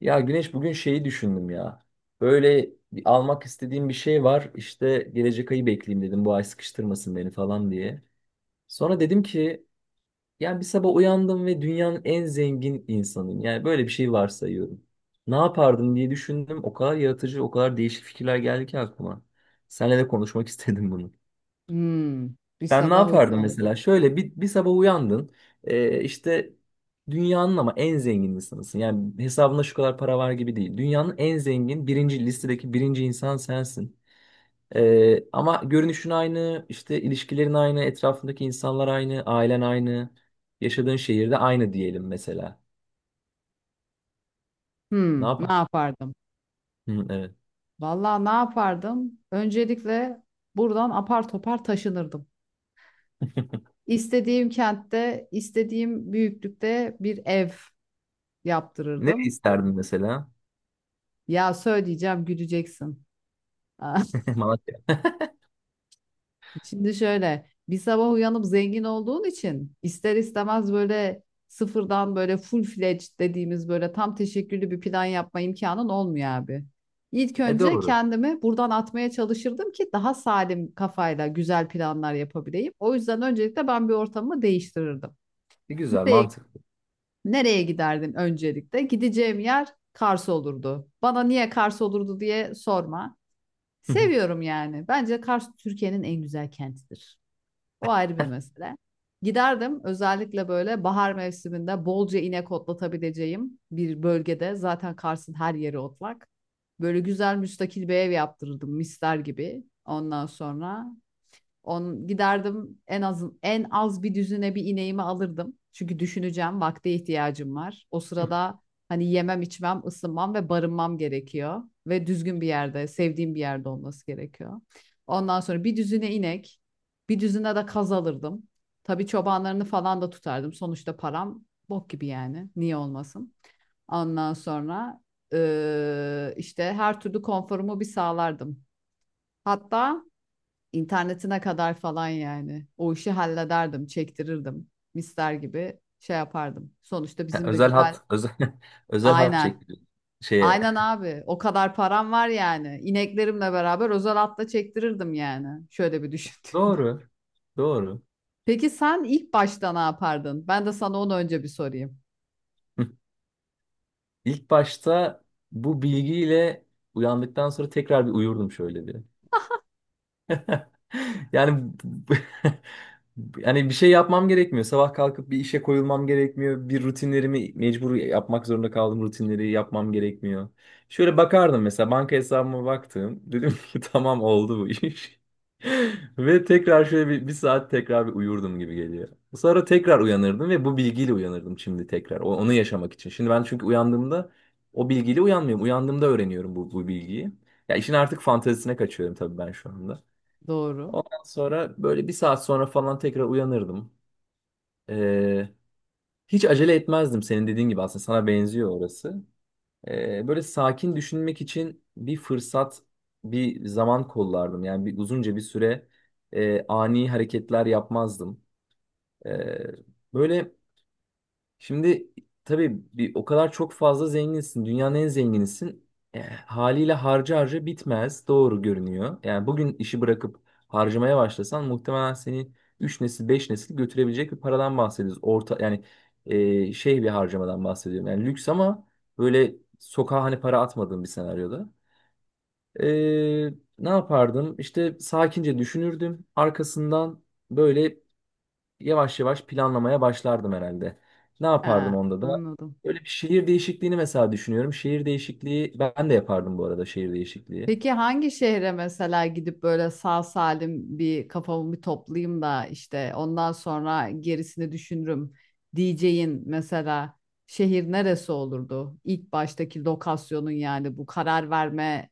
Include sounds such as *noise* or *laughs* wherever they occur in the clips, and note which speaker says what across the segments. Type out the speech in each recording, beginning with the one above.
Speaker 1: Ya Güneş bugün şeyi düşündüm ya. Böyle bir almak istediğim bir şey var. İşte gelecek ayı bekleyeyim dedim. Bu ay sıkıştırmasın beni falan diye. Sonra dedim ki yani bir sabah uyandım ve dünyanın en zengin insanıyım. Yani böyle bir şey varsayıyorum. Ne yapardım diye düşündüm. O kadar yaratıcı, o kadar değişik fikirler geldi ki aklıma. Seninle de konuşmak *laughs* istedim bunu.
Speaker 2: Hmm, bir
Speaker 1: Ben ne
Speaker 2: sabah
Speaker 1: yapardım
Speaker 2: uyandım.
Speaker 1: mesela? Şöyle bir sabah uyandın. İşte dünyanın ama en zengin insanısın. Yani hesabında şu kadar para var gibi değil. Dünyanın en zengin birinci listedeki birinci insan sensin. Ama görünüşün aynı, işte ilişkilerin aynı, etrafındaki insanlar aynı, ailen aynı, yaşadığın şehirde aynı diyelim mesela. Ne
Speaker 2: Hmm, ne
Speaker 1: yapar?
Speaker 2: yapardım?
Speaker 1: Hı, evet.
Speaker 2: Vallahi ne yapardım? Öncelikle buradan apar topar taşınırdım. İstediğim kentte, istediğim büyüklükte bir ev
Speaker 1: Ne
Speaker 2: yaptırırdım.
Speaker 1: isterdin mesela?
Speaker 2: Ya söyleyeceğim, güleceksin. *laughs*
Speaker 1: *laughs* Malatya.
Speaker 2: Şimdi şöyle bir sabah uyanıp zengin olduğun için ister istemez böyle sıfırdan böyle full fledged dediğimiz böyle tam teşekküllü bir plan yapma imkanın olmuyor abi. İlk
Speaker 1: E
Speaker 2: önce
Speaker 1: doğru.
Speaker 2: kendimi buradan atmaya çalışırdım ki daha salim kafayla güzel planlar yapabileyim. O yüzden öncelikle ben bir ortamı değiştirirdim.
Speaker 1: E, güzel,
Speaker 2: Nereye,
Speaker 1: mantıklı.
Speaker 2: nereye giderdim öncelikle? Gideceğim yer Kars olurdu. Bana niye Kars olurdu diye sorma. Seviyorum yani. Bence Kars Türkiye'nin en güzel kentidir. O ayrı bir mesele. Giderdim özellikle böyle bahar mevsiminde bolca inek otlatabileceğim bir bölgede, zaten Kars'ın her yeri otlak. Böyle güzel müstakil bir ev yaptırırdım misler gibi. Ondan sonra giderdim, en az bir düzine bir ineğimi alırdım. Çünkü düşüneceğim, vakte ihtiyacım var. O
Speaker 1: *laughs*
Speaker 2: sırada hani yemem, içmem, ısınmam ve barınmam gerekiyor ve düzgün bir yerde, sevdiğim bir yerde olması gerekiyor. Ondan sonra bir düzine inek, bir düzine de kaz alırdım. Tabii çobanlarını falan da tutardım. Sonuçta param bok gibi yani. Niye olmasın? Ondan sonra işte her türlü konforumu bir sağlardım. Hatta İnternetine kadar falan yani. O işi hallederdim, çektirirdim. Mister gibi şey yapardım. Sonuçta bizim de
Speaker 1: Özel
Speaker 2: güzel.
Speaker 1: hat, özel, *laughs* özel hat
Speaker 2: Aynen.
Speaker 1: çekti şeye.
Speaker 2: Aynen abi. O kadar param var yani. İneklerimle beraber özel atla çektirirdim yani. Şöyle bir düşündüm. *laughs*
Speaker 1: Doğru. Doğru.
Speaker 2: Peki sen ilk başta ne yapardın? Ben de sana onu önce bir sorayım.
Speaker 1: Hı. İlk başta bu bilgiyle uyandıktan sonra tekrar bir uyurdum şöyle bir. Yani *laughs* yani bir şey yapmam gerekmiyor. Sabah kalkıp bir işe koyulmam gerekmiyor. Bir rutinlerimi mecbur yapmak zorunda kaldığım rutinleri yapmam gerekmiyor. Şöyle bakardım mesela banka hesabıma baktım. Dedim ki *laughs* tamam oldu bu iş. *laughs* Ve tekrar şöyle bir saat tekrar bir uyurdum gibi geliyor. Sonra tekrar uyanırdım ve bu bilgiyle uyanırdım şimdi tekrar. Onu yaşamak için. Şimdi ben çünkü uyandığımda o bilgiyle uyanmıyorum. Uyandığımda öğreniyorum bu bilgiyi. Ya işin artık fantezisine kaçıyorum tabii ben şu anda.
Speaker 2: Doğru.
Speaker 1: Ondan sonra böyle bir saat sonra falan tekrar uyanırdım. Ee, hiç acele etmezdim senin dediğin gibi aslında sana benziyor orası. Böyle sakin düşünmek için bir fırsat, bir zaman kollardım. Yani bir uzunca bir süre ani hareketler yapmazdım. Ee, böyle Şimdi tabii o kadar çok fazla zenginsin. Dünyanın en zenginisin. Haliyle harca harca bitmez. Doğru görünüyor. Yani bugün işi bırakıp harcamaya başlasan muhtemelen seni 3 nesil 5 nesil götürebilecek bir paradan bahsediyoruz. Orta yani şey bir harcamadan bahsediyorum. Yani lüks ama böyle sokağa hani para atmadığım bir senaryoda. E, ne yapardım? İşte sakince düşünürdüm. Arkasından böyle yavaş yavaş planlamaya başlardım herhalde. Ne
Speaker 2: He,
Speaker 1: yapardım onda da?
Speaker 2: anladım.
Speaker 1: Böyle bir şehir değişikliğini mesela düşünüyorum. Şehir değişikliği ben de yapardım bu arada şehir değişikliği.
Speaker 2: Peki hangi şehre mesela gidip böyle sağ salim bir kafamı bir toplayayım da işte ondan sonra gerisini düşünürüm diyeceğin mesela şehir neresi olurdu? İlk baştaki lokasyonun yani, bu karar verme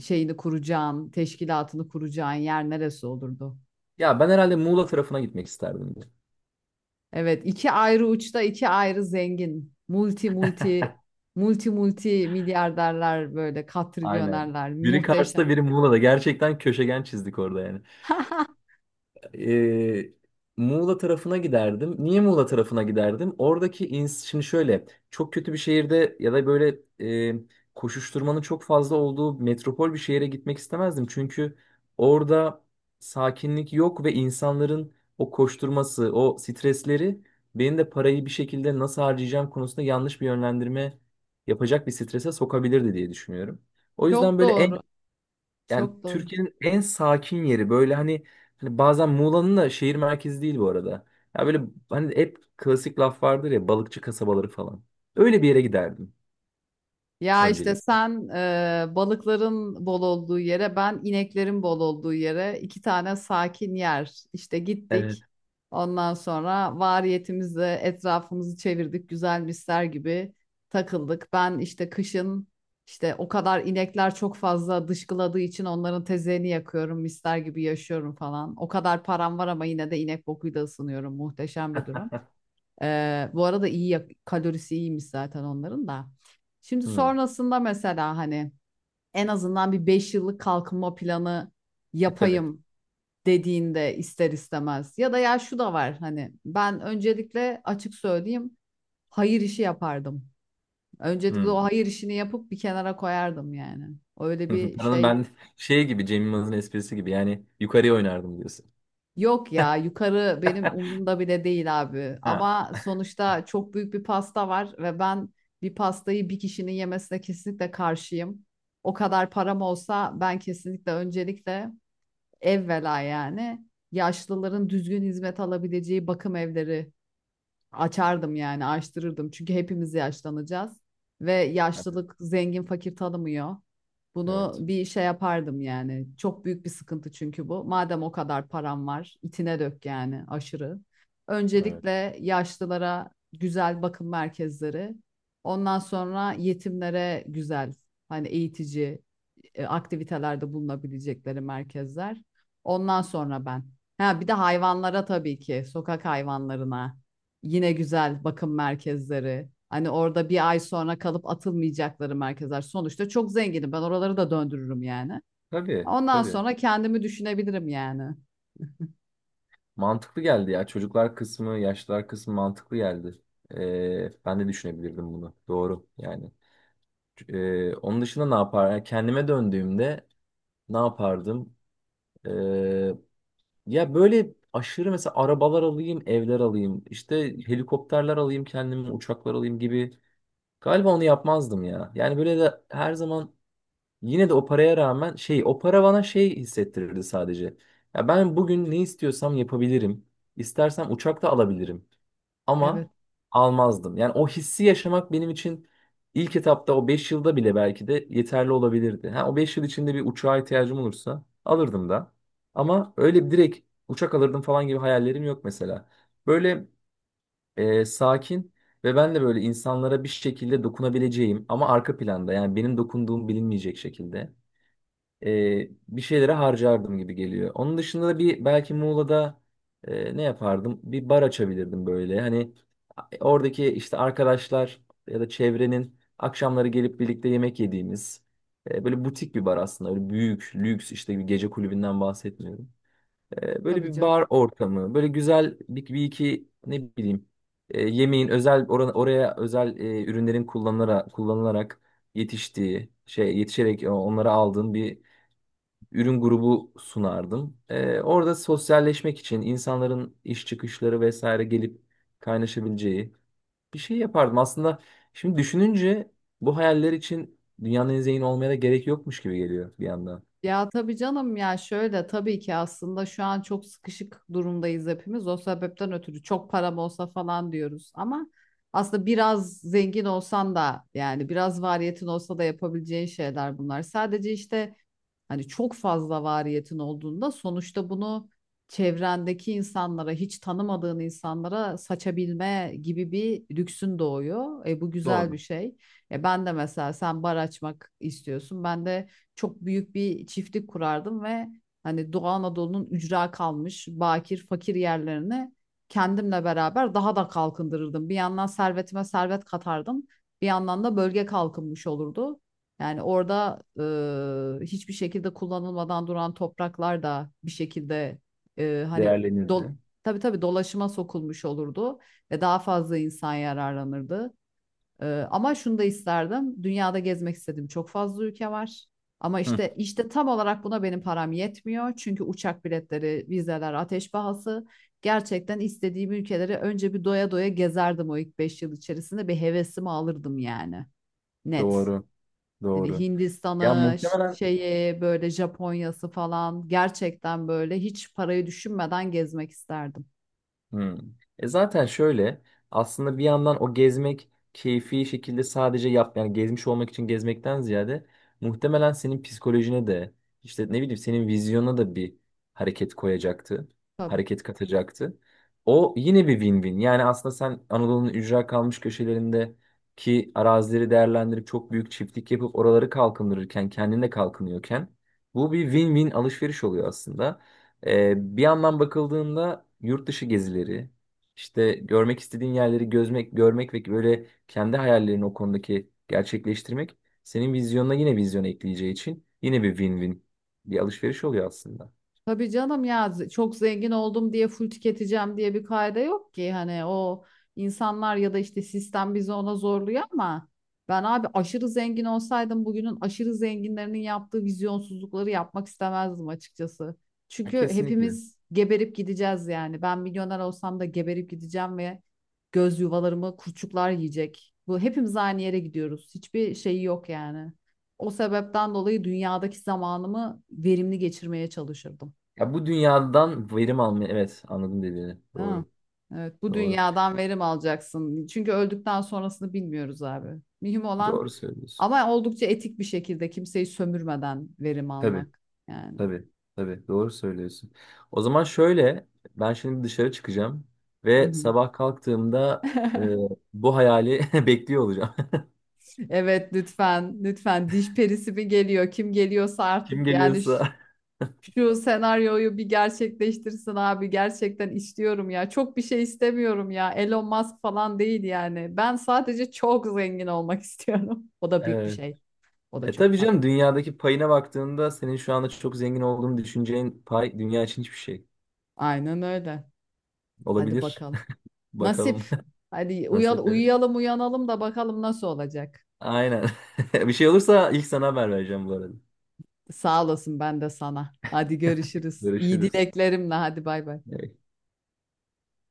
Speaker 2: şeyini kuracağın, teşkilatını kuracağın yer neresi olurdu?
Speaker 1: Ya ben herhalde Muğla tarafına gitmek isterdim.
Speaker 2: Evet, iki ayrı uçta iki ayrı zengin, multi multi multi multi milyarderler böyle
Speaker 1: Aynen.
Speaker 2: katrilyonerler
Speaker 1: Biri
Speaker 2: muhteşem.
Speaker 1: Kars'ta biri Muğla'da. Gerçekten köşegen çizdik orada yani.
Speaker 2: *laughs*
Speaker 1: e, Muğla tarafına giderdim. Niye Muğla tarafına giderdim? Oradaki ins şimdi şöyle çok kötü bir şehirde ya da böyle e, koşuşturmanın çok fazla olduğu metropol bir şehire gitmek istemezdim. Çünkü orada sakinlik yok ve insanların o koşturması, o stresleri benim de parayı bir şekilde nasıl harcayacağım konusunda yanlış bir yönlendirme yapacak bir strese sokabilirdi diye düşünüyorum. O yüzden
Speaker 2: Çok
Speaker 1: böyle en
Speaker 2: doğru.
Speaker 1: yani
Speaker 2: Çok doğru.
Speaker 1: Türkiye'nin en sakin yeri böyle hani bazen Muğla'nın da şehir merkezi değil bu arada. Ya böyle hani hep klasik laf vardır ya balıkçı kasabaları falan. Öyle bir yere giderdim
Speaker 2: Ya işte
Speaker 1: öncelik.
Speaker 2: sen, balıkların bol olduğu yere, ben ineklerin bol olduğu yere, iki tane sakin yer. İşte
Speaker 1: Evet.
Speaker 2: gittik. Ondan sonra variyetimizle etrafımızı çevirdik, güzel misler gibi takıldık. Ben işte kışın, işte o kadar inekler çok fazla dışkıladığı için onların tezeğini yakıyorum, misler gibi yaşıyorum falan. O kadar param var ama yine de inek bokuyla ısınıyorum. Muhteşem bir durum. Bu arada kalorisi iyiymiş zaten onların da. Şimdi
Speaker 1: Hmm.
Speaker 2: sonrasında mesela hani en azından bir 5 yıllık kalkınma planı
Speaker 1: E tabii.
Speaker 2: yapayım dediğinde ister istemez ya da ya şu da var, hani ben öncelikle açık söyleyeyim, hayır işi yapardım. Öncelikle
Speaker 1: Hmm.
Speaker 2: o hayır işini yapıp bir kenara koyardım yani. Öyle
Speaker 1: *laughs*
Speaker 2: bir
Speaker 1: Paranın
Speaker 2: şey.
Speaker 1: ben şey gibi Cem Yılmaz'ın esprisi gibi yani yukarıya oynardım diyorsun.
Speaker 2: Yok ya, yukarı benim
Speaker 1: *laughs*
Speaker 2: umurumda bile değil abi.
Speaker 1: Ha.
Speaker 2: Ama sonuçta çok büyük bir pasta var ve ben bir pastayı bir kişinin yemesine kesinlikle karşıyım. O kadar param olsa ben kesinlikle öncelikle evvela yani yaşlıların düzgün hizmet alabileceği bakım evleri açardım yani, açtırırdım. Çünkü hepimiz yaşlanacağız ve
Speaker 1: Evet,
Speaker 2: yaşlılık zengin fakir tanımıyor. Bunu
Speaker 1: evet.
Speaker 2: bir şey yapardım yani. Çok büyük bir sıkıntı çünkü bu. Madem o kadar param var, itine dök yani aşırı.
Speaker 1: Evet.
Speaker 2: Öncelikle yaşlılara güzel bakım merkezleri, ondan sonra yetimlere güzel, hani eğitici, aktivitelerde bulunabilecekleri merkezler. Ondan sonra ben. Ha bir de hayvanlara tabii ki, sokak hayvanlarına. Yine güzel bakım merkezleri. Hani orada bir ay sonra kalıp atılmayacakları merkezler. Sonuçta çok zenginim. Ben oraları da döndürürüm yani.
Speaker 1: Tabii,
Speaker 2: Ondan
Speaker 1: tabii.
Speaker 2: sonra kendimi düşünebilirim yani. *laughs*
Speaker 1: Mantıklı geldi ya. Çocuklar kısmı, yaşlılar kısmı mantıklı geldi. Ben de düşünebilirdim bunu. Doğru yani. Onun dışında ne yapar? Yani kendime döndüğümde ne yapardım? Ee, ya böyle aşırı mesela arabalar alayım, evler alayım, işte helikopterler alayım kendime, uçaklar alayım gibi. Galiba onu yapmazdım ya. Yani böyle de her zaman yine de o paraya rağmen şey, o para bana şey hissettirirdi sadece. Ya ben bugün ne istiyorsam yapabilirim. İstersem uçak da alabilirim
Speaker 2: Evet,
Speaker 1: ama almazdım. Yani o hissi yaşamak benim için ilk etapta o 5 yılda bile belki de yeterli olabilirdi. Ha, o 5 yıl içinde bir uçağa ihtiyacım olursa alırdım da. Ama öyle direkt uçak alırdım falan gibi hayallerim yok mesela. Böyle sakin ve ben de böyle insanlara bir şekilde dokunabileceğim ama arka planda yani benim dokunduğum bilinmeyecek şekilde bir şeylere harcardım gibi geliyor. Onun dışında da bir belki Muğla'da ne yapardım? Bir bar açabilirdim böyle. Hani oradaki işte arkadaşlar ya da çevrenin akşamları gelip birlikte yemek yediğimiz böyle butik bir bar aslında. Öyle büyük, lüks işte bir gece kulübünden bahsetmiyorum. Böyle
Speaker 2: tabii
Speaker 1: bir
Speaker 2: canım.
Speaker 1: bar ortamı, böyle güzel bir iki ne bileyim yemeğin özel oraya özel ürünlerin kullanılarak yetiştiği şey yetişerek onları aldığın bir ürün grubu sunardım. Orada sosyalleşmek için insanların iş çıkışları vesaire gelip kaynaşabileceği bir şey yapardım. Aslında şimdi düşününce bu hayaller için dünyanın en zengin olmaya da gerek yokmuş gibi geliyor bir yandan.
Speaker 2: Ya tabii canım, ya şöyle, tabii ki aslında şu an çok sıkışık durumdayız hepimiz. O sebepten ötürü çok param olsa falan diyoruz ama aslında biraz zengin olsan da, yani biraz variyetin olsa da, yapabileceğin şeyler bunlar. Sadece işte, hani çok fazla variyetin olduğunda sonuçta bunu çevrendeki insanlara, hiç tanımadığın insanlara saçabilme gibi bir lüksün doğuyor. E, bu güzel bir
Speaker 1: Doğru.
Speaker 2: şey. E, ben de mesela, sen bar açmak istiyorsun. Ben de çok büyük bir çiftlik kurardım ve hani Doğu Anadolu'nun ücra kalmış bakir fakir yerlerini kendimle beraber daha da kalkındırırdım. Bir yandan servetime servet katardım. Bir yandan da bölge kalkınmış olurdu. Yani orada hiçbir şekilde kullanılmadan duran topraklar da bir şekilde, hani dol
Speaker 1: Değerlenirdi.
Speaker 2: tabii tabii dolaşıma sokulmuş olurdu ve daha fazla insan yararlanırdı. E, ama şunu da isterdim. Dünyada gezmek istedim. Çok fazla ülke var. Ama
Speaker 1: Hı,
Speaker 2: işte tam olarak buna benim param yetmiyor. Çünkü uçak biletleri, vizeler, ateş pahası. Gerçekten istediğim ülkeleri önce bir doya doya gezerdim o ilk 5 yıl içerisinde. Bir hevesimi alırdım yani. Net.
Speaker 1: doğru,
Speaker 2: Hani
Speaker 1: doğru. Ya
Speaker 2: Hindistan'ı,
Speaker 1: muhtemelen
Speaker 2: şeyi, böyle Japonya'sı falan, gerçekten böyle hiç parayı düşünmeden gezmek isterdim.
Speaker 1: Hmm. E zaten şöyle aslında bir yandan o gezmek keyfi şekilde sadece yap yani gezmiş olmak için gezmekten ziyade muhtemelen senin psikolojine de işte ne bileyim senin vizyona da bir hareket koyacaktı.
Speaker 2: Tabii.
Speaker 1: Hareket katacaktı. O yine bir win-win. Yani aslında sen Anadolu'nun ücra kalmış köşelerindeki arazileri değerlendirip çok büyük çiftlik yapıp oraları kalkındırırken kendin de kalkınıyorken bu bir win-win alışveriş oluyor aslında. Bir yandan bakıldığında yurt dışı gezileri, işte görmek istediğin yerleri gözmek, görmek ve böyle kendi hayallerini o konudaki gerçekleştirmek senin vizyonuna yine vizyon ekleyeceği için yine bir win-win bir alışveriş oluyor aslında.
Speaker 2: Tabii canım ya, çok zengin oldum diye full tüketeceğim diye bir kaide yok ki, hani o insanlar ya da işte sistem bizi ona zorluyor ama ben abi aşırı zengin olsaydım bugünün aşırı zenginlerinin yaptığı vizyonsuzlukları yapmak istemezdim açıkçası.
Speaker 1: Ya
Speaker 2: Çünkü
Speaker 1: kesinlikle.
Speaker 2: hepimiz geberip gideceğiz yani. Ben milyoner olsam da geberip gideceğim ve göz yuvalarımı kurçuklar yiyecek. Bu, hepimiz aynı yere gidiyoruz. Hiçbir şeyi yok yani. O sebepten dolayı dünyadaki zamanımı verimli geçirmeye çalışırdım.
Speaker 1: Ya bu dünyadan verim almayı evet anladım dediğini.
Speaker 2: Değil mi?
Speaker 1: Doğru.
Speaker 2: Evet, bu
Speaker 1: Doğru.
Speaker 2: dünyadan verim alacaksın. Çünkü öldükten sonrasını bilmiyoruz abi. Mühim
Speaker 1: Doğru
Speaker 2: olan
Speaker 1: söylüyorsun.
Speaker 2: ama oldukça etik bir şekilde kimseyi sömürmeden verim
Speaker 1: Tabii.
Speaker 2: almak yani.
Speaker 1: Tabii, tabii doğru söylüyorsun. O zaman şöyle, ben şimdi dışarı çıkacağım
Speaker 2: Hı
Speaker 1: ve
Speaker 2: hı.
Speaker 1: sabah kalktığımda e,
Speaker 2: *laughs*
Speaker 1: bu hayali *laughs* bekliyor olacağım.
Speaker 2: Evet, lütfen lütfen, diş perisi mi geliyor, kim geliyorsa
Speaker 1: *laughs* Kim
Speaker 2: artık yani,
Speaker 1: geliyorsa.
Speaker 2: şu senaryoyu bir gerçekleştirsin abi, gerçekten istiyorum ya, çok bir şey istemiyorum ya, Elon Musk falan değil yani, ben sadece çok zengin olmak *laughs* istiyorum, o da büyük bir
Speaker 1: Evet.
Speaker 2: şey, o da
Speaker 1: E
Speaker 2: çok
Speaker 1: tabii
Speaker 2: fazla.
Speaker 1: canım dünyadaki payına baktığında senin şu anda çok zengin olduğunu düşüneceğin pay dünya için hiçbir şey.
Speaker 2: Aynen öyle. Hadi
Speaker 1: Olabilir.
Speaker 2: bakalım.
Speaker 1: *laughs* Bakalım
Speaker 2: Nasip.
Speaker 1: *laughs*
Speaker 2: Hadi
Speaker 1: nasip.
Speaker 2: uyuyalım, uyanalım da bakalım nasıl olacak.
Speaker 1: Aynen. *laughs* Bir şey olursa ilk sana haber vereceğim bu arada.
Speaker 2: Sağ olasın, ben de sana. Hadi görüşürüz. İyi
Speaker 1: Görüşürüz.
Speaker 2: dileklerimle, hadi bay bay.